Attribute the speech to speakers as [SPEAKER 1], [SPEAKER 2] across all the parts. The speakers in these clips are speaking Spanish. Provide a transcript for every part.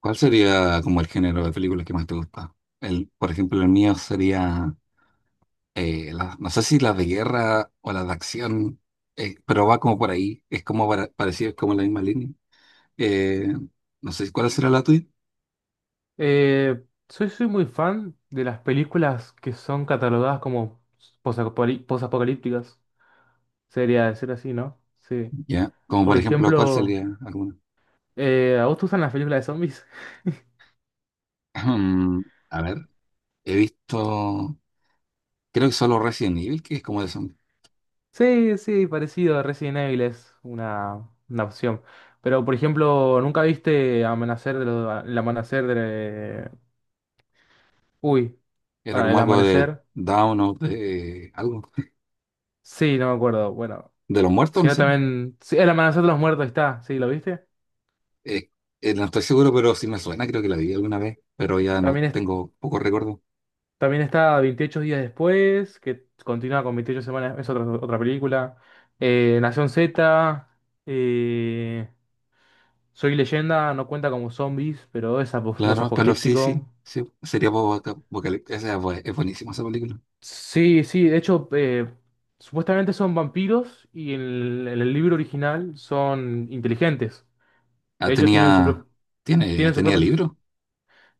[SPEAKER 1] ¿Cuál sería como el género de películas que más te gusta? El, por ejemplo, el mío sería, no sé si las de guerra o las de acción, pero va como por ahí, es como parecido, es como la misma línea. Eh, no sé cuál será la tuya.
[SPEAKER 2] Soy muy fan de las películas que son catalogadas como posapocalípticas. Sería decir así, ¿no? Sí.
[SPEAKER 1] ¿Ya? Como
[SPEAKER 2] Por
[SPEAKER 1] por ejemplo, ¿cuál
[SPEAKER 2] ejemplo,
[SPEAKER 1] sería alguna?
[SPEAKER 2] ¿a vos te gustan las películas de zombies?
[SPEAKER 1] Ahem, A ver, he visto, creo que solo Resident Evil, que es como de zombies.
[SPEAKER 2] Sí, sí, parecido. Resident Evil es una opción. Pero, por ejemplo, ¿nunca viste el amanecer de... Uy,
[SPEAKER 1] Era
[SPEAKER 2] bueno,
[SPEAKER 1] como
[SPEAKER 2] el
[SPEAKER 1] algo de
[SPEAKER 2] amanecer.
[SPEAKER 1] Down o de algo,
[SPEAKER 2] Sí, no me acuerdo. Bueno,
[SPEAKER 1] de los muertos,
[SPEAKER 2] si
[SPEAKER 1] no
[SPEAKER 2] no
[SPEAKER 1] sé.
[SPEAKER 2] también... Sí, el amanecer de los muertos ahí está. Sí, ¿lo viste?
[SPEAKER 1] Eh, no estoy seguro, pero sí me suena, creo que la vi alguna vez, pero ya no
[SPEAKER 2] También
[SPEAKER 1] tengo poco recuerdo.
[SPEAKER 2] También está 28 días después, que continúa con 28 semanas, es otra película. Nación Z, eh, Soy Leyenda, no cuenta como zombies, pero es
[SPEAKER 1] Claro, pero sí,
[SPEAKER 2] posapocalíptico.
[SPEAKER 1] sí, sí, sería Boca. Es buenísima esa película.
[SPEAKER 2] Sí, sí, de hecho, supuestamente son vampiros y en en el libro original son inteligentes.
[SPEAKER 1] Ah,
[SPEAKER 2] De hecho,
[SPEAKER 1] tenía, tiene,
[SPEAKER 2] tienen sus
[SPEAKER 1] tenía
[SPEAKER 2] propios...
[SPEAKER 1] libro.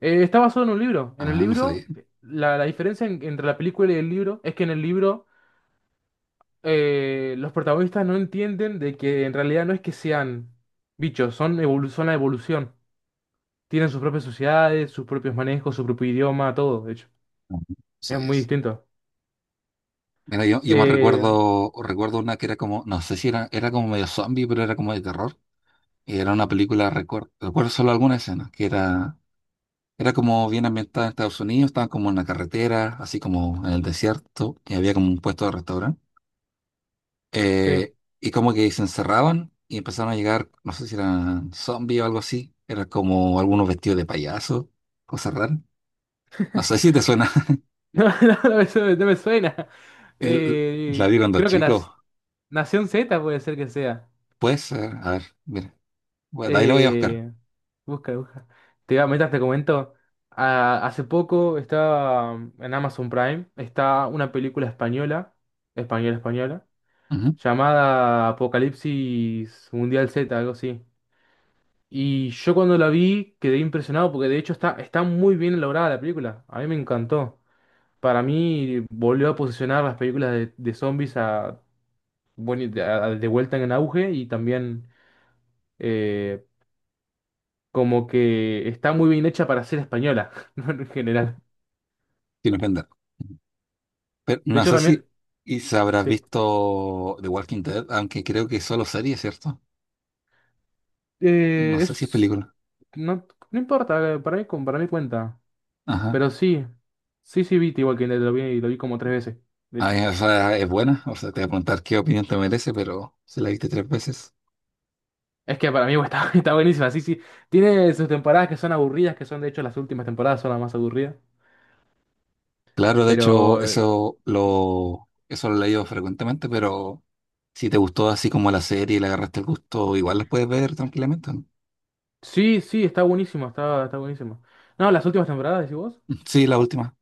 [SPEAKER 2] Está basado en un libro. En el
[SPEAKER 1] Ah, no sabía.
[SPEAKER 2] libro, la diferencia entre la película y el libro es que en el libro... los protagonistas no entienden de que en realidad no es que sean bichos, son la evolución. Tienen sus propias sociedades, sus propios manejos, su propio idioma, todo, de hecho.
[SPEAKER 1] No
[SPEAKER 2] Es
[SPEAKER 1] sabía
[SPEAKER 2] muy
[SPEAKER 1] eso.
[SPEAKER 2] distinto.
[SPEAKER 1] Mira, yo me
[SPEAKER 2] Eh,
[SPEAKER 1] recuerdo, recuerdo una que era como, no sé si era, era como medio zombie, pero era como de terror. Y era una película, recuerdo solo alguna escena, que era, era como bien ambientada en Estados Unidos, estaban como en la carretera, así como en el desierto, y había como un puesto de restaurante.
[SPEAKER 2] sí.
[SPEAKER 1] Eh, y como que se encerraban y empezaron a llegar, no sé si eran zombies o algo así. Era como algunos vestidos de payaso, cosas raras. No sé si te suena.
[SPEAKER 2] No, no, no me suena.
[SPEAKER 1] El- la
[SPEAKER 2] Eh,
[SPEAKER 1] vi cuando
[SPEAKER 2] creo que
[SPEAKER 1] chico.
[SPEAKER 2] nas- Nación Z puede ser que sea.
[SPEAKER 1] Pues, ser, a ver, mira. Bueno, de ahí la voy a buscar.
[SPEAKER 2] Eh, busca. Te iba a meter, te comento. Ah, hace poco estaba en Amazon Prime, está una película española,
[SPEAKER 1] Ujú.
[SPEAKER 2] llamada Apocalipsis Mundial Z, algo así. Y yo cuando la vi quedé impresionado porque de hecho está muy bien elaborada la película. A mí me encantó. Para mí volvió a posicionar las películas de zombies a, bueno, de vuelta en auge y también eh, como que está muy bien hecha para ser española, ¿no? En general.
[SPEAKER 1] Sin ofender. Pero
[SPEAKER 2] De
[SPEAKER 1] no
[SPEAKER 2] hecho
[SPEAKER 1] sé
[SPEAKER 2] también,
[SPEAKER 1] si y se habrás
[SPEAKER 2] sí.
[SPEAKER 1] visto The Walking Dead, aunque creo que es solo serie, ¿cierto? No
[SPEAKER 2] Eh,
[SPEAKER 1] sé si es
[SPEAKER 2] es,
[SPEAKER 1] película.
[SPEAKER 2] no, no importa, para mí cuenta.
[SPEAKER 1] Ajá.
[SPEAKER 2] Pero sí, sí, sí vi The Walking Dead, lo vi, y lo vi como tres veces, de
[SPEAKER 1] Ah,
[SPEAKER 2] hecho.
[SPEAKER 1] ya, o sea, es buena. O sea, te voy a preguntar qué opinión te merece, pero si la viste tres veces.
[SPEAKER 2] Es que para mí bueno, está, está buenísima, sí, sí. Tiene sus temporadas que son aburridas, que son de hecho las últimas temporadas son las más aburridas.
[SPEAKER 1] Claro, de hecho,
[SPEAKER 2] Pero eh,
[SPEAKER 1] eso lo he leído frecuentemente, pero si te gustó así como la serie y le agarraste el gusto, igual las puedes ver tranquilamente, ¿no?
[SPEAKER 2] sí, sí, está buenísimo, está buenísimo. No, las últimas temporadas, decís vos.
[SPEAKER 1] Sí, la última.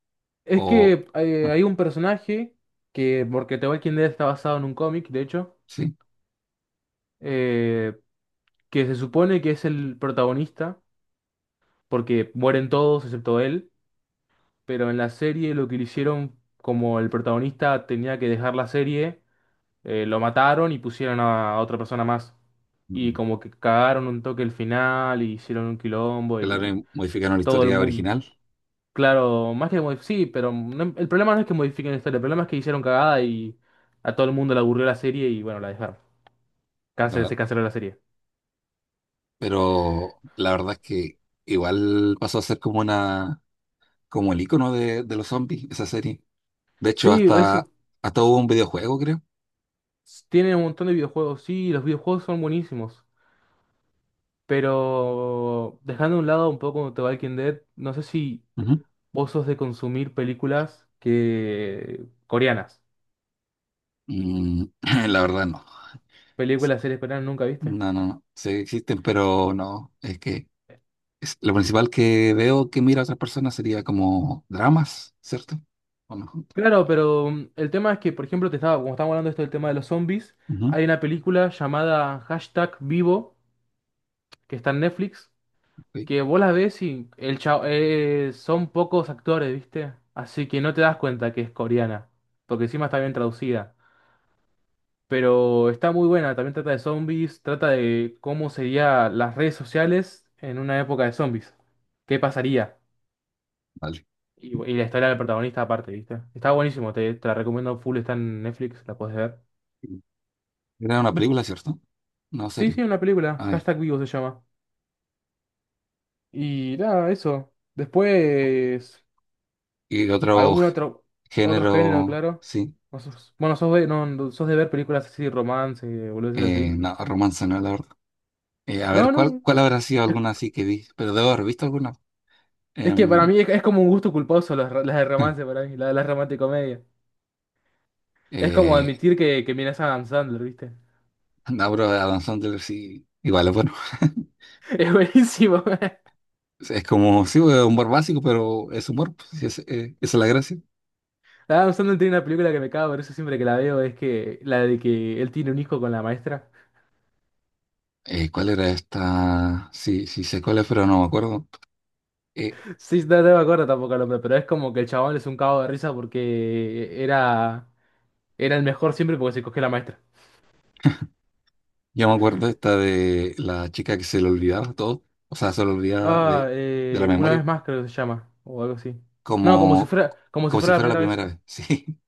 [SPEAKER 2] Es
[SPEAKER 1] O
[SPEAKER 2] que
[SPEAKER 1] ah,
[SPEAKER 2] Hay un personaje porque The Walking Dead está basado en un cómic, de hecho,
[SPEAKER 1] sí.
[SPEAKER 2] eh, que se supone que es el protagonista, porque mueren todos excepto él. Pero en la serie lo que le hicieron, como el protagonista tenía que dejar la serie, lo mataron y pusieron a otra persona más. Y
[SPEAKER 1] Mm.
[SPEAKER 2] como que cagaron un toque el final y hicieron un quilombo
[SPEAKER 1] Claro,
[SPEAKER 2] y
[SPEAKER 1] y modificaron la
[SPEAKER 2] todo el
[SPEAKER 1] historia
[SPEAKER 2] mundo.
[SPEAKER 1] original.
[SPEAKER 2] Claro, sí, el problema no es que modifiquen la historia, el problema es que hicieron cagada y a todo el mundo le aburrió la serie y bueno, la dejaron.
[SPEAKER 1] la-
[SPEAKER 2] Se canceló la serie.
[SPEAKER 1] pero la verdad es que igual pasó a ser como una, como el icono de los zombies, esa serie. De hecho,
[SPEAKER 2] Sí, eso
[SPEAKER 1] hasta, hasta hubo un videojuego, creo.
[SPEAKER 2] tiene un montón de videojuegos, sí, los videojuegos son buenísimos. Pero dejando a un lado un poco The Walking Dead, no sé si
[SPEAKER 1] Ujú.
[SPEAKER 2] vos sos de consumir películas que coreanas.
[SPEAKER 1] Mm, la verdad no.
[SPEAKER 2] Películas, series coreanas, ¿nunca viste?
[SPEAKER 1] No, no, no. Sí existen, pero no. Lo principal que veo que mira a otras personas sería como dramas, ¿cierto? O no.
[SPEAKER 2] Claro, pero mm, el tema es que, por ejemplo, te estaba, como estamos hablando de esto del tema de los zombies,
[SPEAKER 1] Ujú,
[SPEAKER 2] hay una película llamada Hashtag Vivo, que está en Netflix,
[SPEAKER 1] ok,
[SPEAKER 2] que vos la ves y son pocos actores, ¿viste? Así que no te das cuenta que es coreana, porque encima está bien traducida. Pero está muy buena, también trata de zombies, trata de cómo serían las redes sociales en una época de zombies. ¿Qué pasaría?
[SPEAKER 1] vale.
[SPEAKER 2] Y la historia del protagonista aparte, ¿viste? Está buenísimo, te la recomiendo full, está en Netflix, la puedes ver.
[SPEAKER 1] Era una película, ¿cierto? No,
[SPEAKER 2] Sí,
[SPEAKER 1] serie.
[SPEAKER 2] sí, una película,
[SPEAKER 1] Ay,
[SPEAKER 2] hashtag vivo se llama. Y nada, eso. Después,
[SPEAKER 1] y otro
[SPEAKER 2] algún otro, otro género,
[SPEAKER 1] género,
[SPEAKER 2] claro.
[SPEAKER 1] sí.
[SPEAKER 2] O sos- bueno, sos de, no, no, sos de ver películas así, romance, boludeces así.
[SPEAKER 1] No, romance, no, la verdad. A ver,
[SPEAKER 2] No,
[SPEAKER 1] ¿cuál,
[SPEAKER 2] no,
[SPEAKER 1] cuál habrá sido
[SPEAKER 2] es,
[SPEAKER 1] alguna así que vi? Pero debo haber visto alguna.
[SPEAKER 2] es que para
[SPEAKER 1] Em,
[SPEAKER 2] mí es como un gusto culposo las de romance para mí, las romanticomedia. Es como
[SPEAKER 1] eh,
[SPEAKER 2] admitir que miras a Adam Sandler, ¿viste?
[SPEAKER 1] no, pero Adam Sandler sí, igual es bueno.
[SPEAKER 2] Es buenísimo.
[SPEAKER 1] Es como, sí, un humor básico, pero es humor, pues, sí, esa es la gracia.
[SPEAKER 2] Adam Sandler tiene una película que me cago, por eso siempre que la veo es que la de que él tiene un hijo con la maestra.
[SPEAKER 1] ¿Cuál era esta? Sí, sí sé cuál es, pero no me acuerdo. Eh,
[SPEAKER 2] Sí, no, no me acuerdo tampoco el nombre, pero es como que el chabón es un cago de risa porque era el mejor siempre porque se cogió la maestra.
[SPEAKER 1] yo me acuerdo esta de la chica que se le olvidaba todo, o sea, se le olvidaba de la
[SPEAKER 2] Una vez
[SPEAKER 1] memoria,
[SPEAKER 2] más creo que se llama, o algo así. No,
[SPEAKER 1] como,
[SPEAKER 2] como si
[SPEAKER 1] como si
[SPEAKER 2] fuera la
[SPEAKER 1] fuera la
[SPEAKER 2] primera vez.
[SPEAKER 1] primera vez. Sí,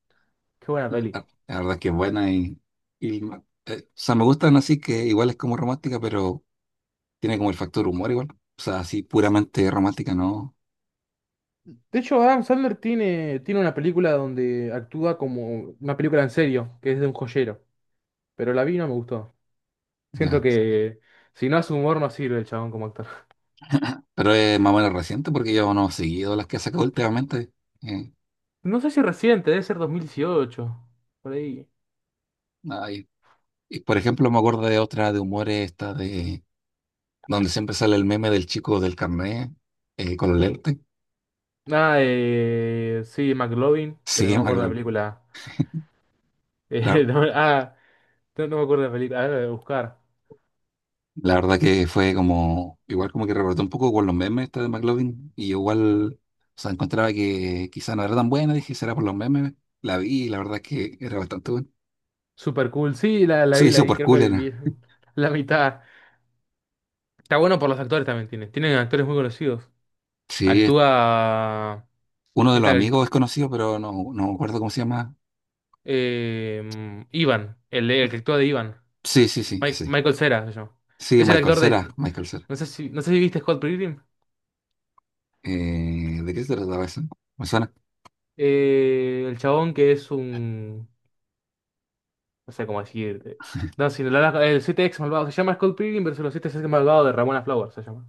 [SPEAKER 2] Qué buena
[SPEAKER 1] la,
[SPEAKER 2] peli.
[SPEAKER 1] la verdad es que es buena y o sea, me gustan así que igual es como romántica, pero tiene como el factor humor igual. O sea, así puramente romántica, no,
[SPEAKER 2] De hecho, Adam Sandler tiene una película donde actúa como una película en serio, que es de un joyero, pero la vi y no me gustó. Siento
[SPEAKER 1] nada.
[SPEAKER 2] que si no hace humor no sirve el chabón como actor.
[SPEAKER 1] Pero es más o menos reciente porque yo no he seguido las que ha sacado últimamente.
[SPEAKER 2] No sé si reciente, debe ser 2018. Por ahí.
[SPEAKER 1] Eh, Y por ejemplo, me acuerdo de otra de humores, esta de donde siempre sale el meme del chico del carnet con los lentes.
[SPEAKER 2] Sí, McLovin, pero
[SPEAKER 1] Sí,
[SPEAKER 2] no
[SPEAKER 1] en
[SPEAKER 2] me acuerdo de la
[SPEAKER 1] McLovin.
[SPEAKER 2] película.
[SPEAKER 1] La,
[SPEAKER 2] Eh, no, ah, no, no me acuerdo de la película. Ahora la voy a buscar.
[SPEAKER 1] la verdad que fue como, igual como que rebotó un poco con los memes esta de McLovin. Y yo igual, o sea, encontraba que quizá no era tan buena, dije, será por los memes. La vi y la verdad es que era bastante buena.
[SPEAKER 2] Super cool. Sí,
[SPEAKER 1] Se
[SPEAKER 2] la
[SPEAKER 1] hizo
[SPEAKER 2] vi,
[SPEAKER 1] por
[SPEAKER 2] creo que
[SPEAKER 1] cool,
[SPEAKER 2] viví
[SPEAKER 1] era.
[SPEAKER 2] la mitad. Está bueno por los actores también tiene. Tienen actores muy conocidos.
[SPEAKER 1] Sí,
[SPEAKER 2] Actúa
[SPEAKER 1] uno de los
[SPEAKER 2] esta que actú-
[SPEAKER 1] amigos es conocido, pero no, no me acuerdo cómo se llama.
[SPEAKER 2] Ivan, el que actúa de Ivan.
[SPEAKER 1] Sí, sí, sí, ese.
[SPEAKER 2] Michael Cera se llama.
[SPEAKER 1] Sí,
[SPEAKER 2] Es el
[SPEAKER 1] Michael
[SPEAKER 2] actor de.
[SPEAKER 1] Cera, Michael Cera.
[SPEAKER 2] No sé si viste Scott Pilgrim.
[SPEAKER 1] ¿De qué se trataba eso? ¿Me suena?
[SPEAKER 2] El chabón que es un. No sé cómo decirte. No, si la- la- el 7 ex malvado se llama Scott Pilgrim versus los 7 ex malvado de Ramona Flowers, se llama.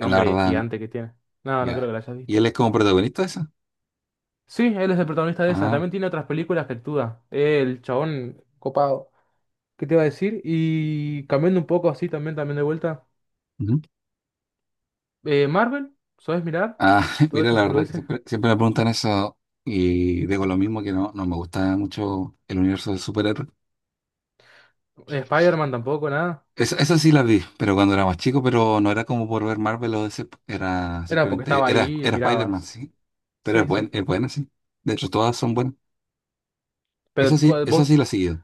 [SPEAKER 1] La verdad, no.
[SPEAKER 2] gigante que tiene. No, no creo que
[SPEAKER 1] Ya.
[SPEAKER 2] la hayas
[SPEAKER 1] ¿Y él
[SPEAKER 2] visto.
[SPEAKER 1] es como protagonista de esa?
[SPEAKER 2] Sí, él es el protagonista de esas.
[SPEAKER 1] Ah,
[SPEAKER 2] También tiene otras películas que actúa. El chabón copado. ¿Qué te iba a decir? Y cambiando un poco así también, también de vuelta.
[SPEAKER 1] ujú.
[SPEAKER 2] Marvel, ¿sabes mirar?
[SPEAKER 1] Ah,
[SPEAKER 2] Todas
[SPEAKER 1] mira, la
[SPEAKER 2] esas
[SPEAKER 1] verdad que
[SPEAKER 2] boludeces.
[SPEAKER 1] siempre, siempre me preguntan eso y digo lo mismo, que no, no me gusta mucho el universo del superhéroe.
[SPEAKER 2] Spider-Man tampoco, nada.
[SPEAKER 1] Eso sí la vi, pero cuando era más chico, pero no era como por ver Marvel o DC, era
[SPEAKER 2] Era porque estaba
[SPEAKER 1] simplemente,
[SPEAKER 2] ahí y lo
[SPEAKER 1] era Spider-Man,
[SPEAKER 2] mirabas.
[SPEAKER 1] sí, pero
[SPEAKER 2] Sí, sí.
[SPEAKER 1] es buena, sí. De hecho, todas son buenas. Eso
[SPEAKER 2] Pero
[SPEAKER 1] sí,
[SPEAKER 2] ¿cuál-
[SPEAKER 1] eso
[SPEAKER 2] vos
[SPEAKER 1] sí la he seguido.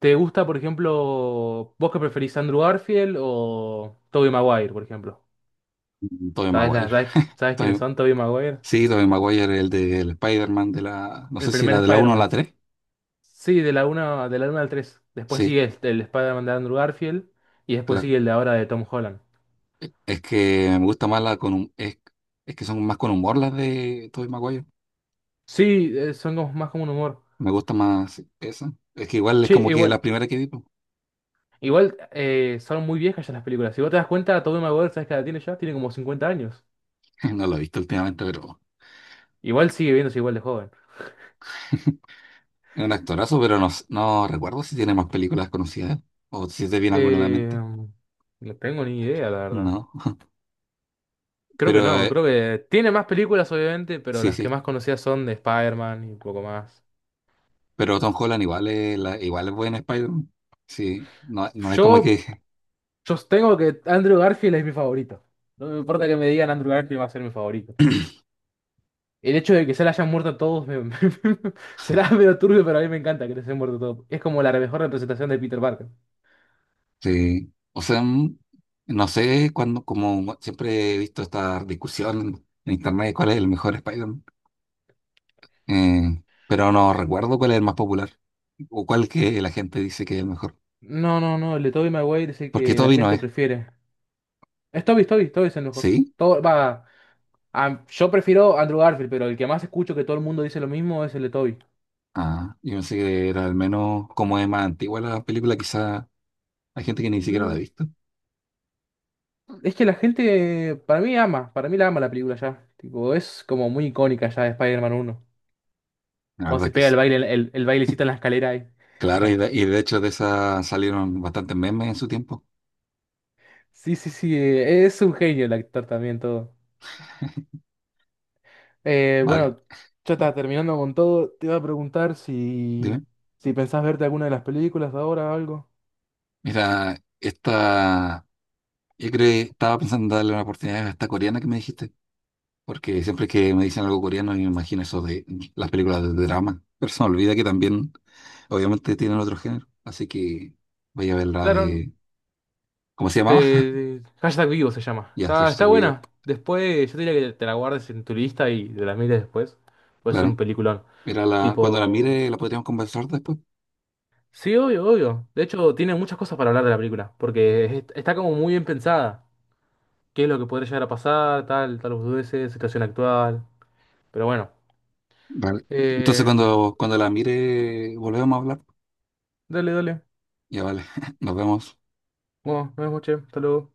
[SPEAKER 2] ¿Te gusta, por ejemplo, vos que preferís Andrew Garfield o Tobey Maguire, por ejemplo?
[SPEAKER 1] Tobey Maguire.
[SPEAKER 2] ¿Sabes quiénes
[SPEAKER 1] Tobey-
[SPEAKER 2] son Tobey Maguire?
[SPEAKER 1] sí, Tobey Maguire, el del Spider-Man de la, no
[SPEAKER 2] El
[SPEAKER 1] sé si
[SPEAKER 2] primer
[SPEAKER 1] era de la uno o
[SPEAKER 2] Spider-Man.
[SPEAKER 1] la 3
[SPEAKER 2] Sí, de la una al 3. Después
[SPEAKER 1] sí.
[SPEAKER 2] sigue el Spider-Man de Andrew Garfield y después
[SPEAKER 1] Claro.
[SPEAKER 2] sigue el de ahora de Tom Holland.
[SPEAKER 1] Es que me gusta más la con hum- es que son más con humor las de Tobey Maguire.
[SPEAKER 2] Sí, son más como un humor.
[SPEAKER 1] Me gusta más esa. Es que igual es
[SPEAKER 2] Che,
[SPEAKER 1] como que la
[SPEAKER 2] igual,
[SPEAKER 1] primera que vi, po.
[SPEAKER 2] igual Son muy viejas ya las películas. Si vos te das cuenta, Tobey Maguire, ¿sabes qué edad tiene ya? Tiene como 50 años.
[SPEAKER 1] No lo he visto últimamente, pero
[SPEAKER 2] Igual sigue viéndose igual de joven.
[SPEAKER 1] es un actorazo, pero no, no recuerdo si tiene más películas conocidas o si te viene alguna a la
[SPEAKER 2] Eh,
[SPEAKER 1] mente.
[SPEAKER 2] no tengo ni idea, la verdad.
[SPEAKER 1] No.
[SPEAKER 2] Creo que
[SPEAKER 1] Pero
[SPEAKER 2] no, creo que tiene más películas, obviamente, pero
[SPEAKER 1] sí,
[SPEAKER 2] las que
[SPEAKER 1] sí.
[SPEAKER 2] más conocidas son de Spider-Man y un poco más.
[SPEAKER 1] Pero Tom Holland igual es, la, igual es buen Spider-Man. Sí, no, no es como
[SPEAKER 2] Yo
[SPEAKER 1] que.
[SPEAKER 2] yo tengo que Andrew Garfield es mi favorito. No me importa que me digan Andrew Garfield va a ser mi favorito. El hecho de que se le hayan muerto a todos será medio turbio, pero a mí me encanta que les hayan muerto a todos. Es como la mejor representación de Peter Parker.
[SPEAKER 1] Sí. O sea, mm, no sé, cuando, como siempre he visto esta discusión en internet, ¿cuál es el mejor Spider-Man? Pero no recuerdo cuál es el más popular o cuál que la gente dice que es el mejor.
[SPEAKER 2] No, no, no, el de Tobey Maguire es el
[SPEAKER 1] Porque
[SPEAKER 2] que la
[SPEAKER 1] Toby no
[SPEAKER 2] gente
[SPEAKER 1] es,
[SPEAKER 2] prefiere. Es Tobey es el mejor.
[SPEAKER 1] ¿sí?
[SPEAKER 2] Yo prefiero Andrew Garfield, pero el que más escucho que todo el mundo dice lo mismo es el de Tobey.
[SPEAKER 1] Ah, yo pensé que era al menos como es más antigua la película, quizá hay gente que ni siquiera la ha
[SPEAKER 2] Mm,
[SPEAKER 1] visto.
[SPEAKER 2] Es que la gente, para mí ama, para mí la ama la película ya. Tipo, es como muy icónica ya de Spider-Man 1.
[SPEAKER 1] La
[SPEAKER 2] Cuando
[SPEAKER 1] verdad
[SPEAKER 2] se
[SPEAKER 1] es que
[SPEAKER 2] pega el
[SPEAKER 1] sí.
[SPEAKER 2] baile, el bailecito en la escalera ahí.
[SPEAKER 1] Claro, y de hecho de esa salieron bastantes memes en su tiempo.
[SPEAKER 2] Sí, sí, sí, es un genio el actor también todo.
[SPEAKER 1] Vale,
[SPEAKER 2] Bueno, ya está terminando con todo. Te iba a preguntar si,
[SPEAKER 1] dime.
[SPEAKER 2] si pensás verte alguna de las películas ahora o algo.
[SPEAKER 1] Mira, esta, yo creo, que estaba pensando en darle una oportunidad a esta coreana que me dijiste, porque siempre que me dicen algo coreano, yo me imagino eso de las películas de drama, pero se me olvida que también obviamente tienen otro género, así que vaya a ver la
[SPEAKER 2] Claro,
[SPEAKER 1] de... ¿Cómo se llamaba?
[SPEAKER 2] te, hashtag vivo se llama.
[SPEAKER 1] Ya,
[SPEAKER 2] Está
[SPEAKER 1] hashtag vivo.
[SPEAKER 2] buena. Después, yo te diría que te la guardes en tu lista y te la mires después. Pues es un
[SPEAKER 1] Claro.
[SPEAKER 2] peliculón.
[SPEAKER 1] Era la... Cuando la
[SPEAKER 2] Tipo,
[SPEAKER 1] mire, la podríamos conversar después.
[SPEAKER 2] sí, obvio, obvio. De hecho, tiene muchas cosas para hablar de la película, porque está como muy bien pensada. ¿Qué es lo que podría llegar a pasar? Tal, tal dudeces, situación actual. Pero bueno.
[SPEAKER 1] Vale. Entonces,
[SPEAKER 2] Eh,
[SPEAKER 1] cuando, cuando la mire, volvemos a hablar.
[SPEAKER 2] dale, dale.
[SPEAKER 1] Ya, vale. Nos vemos.
[SPEAKER 2] Bueno, nos vemos, che. Hasta luego.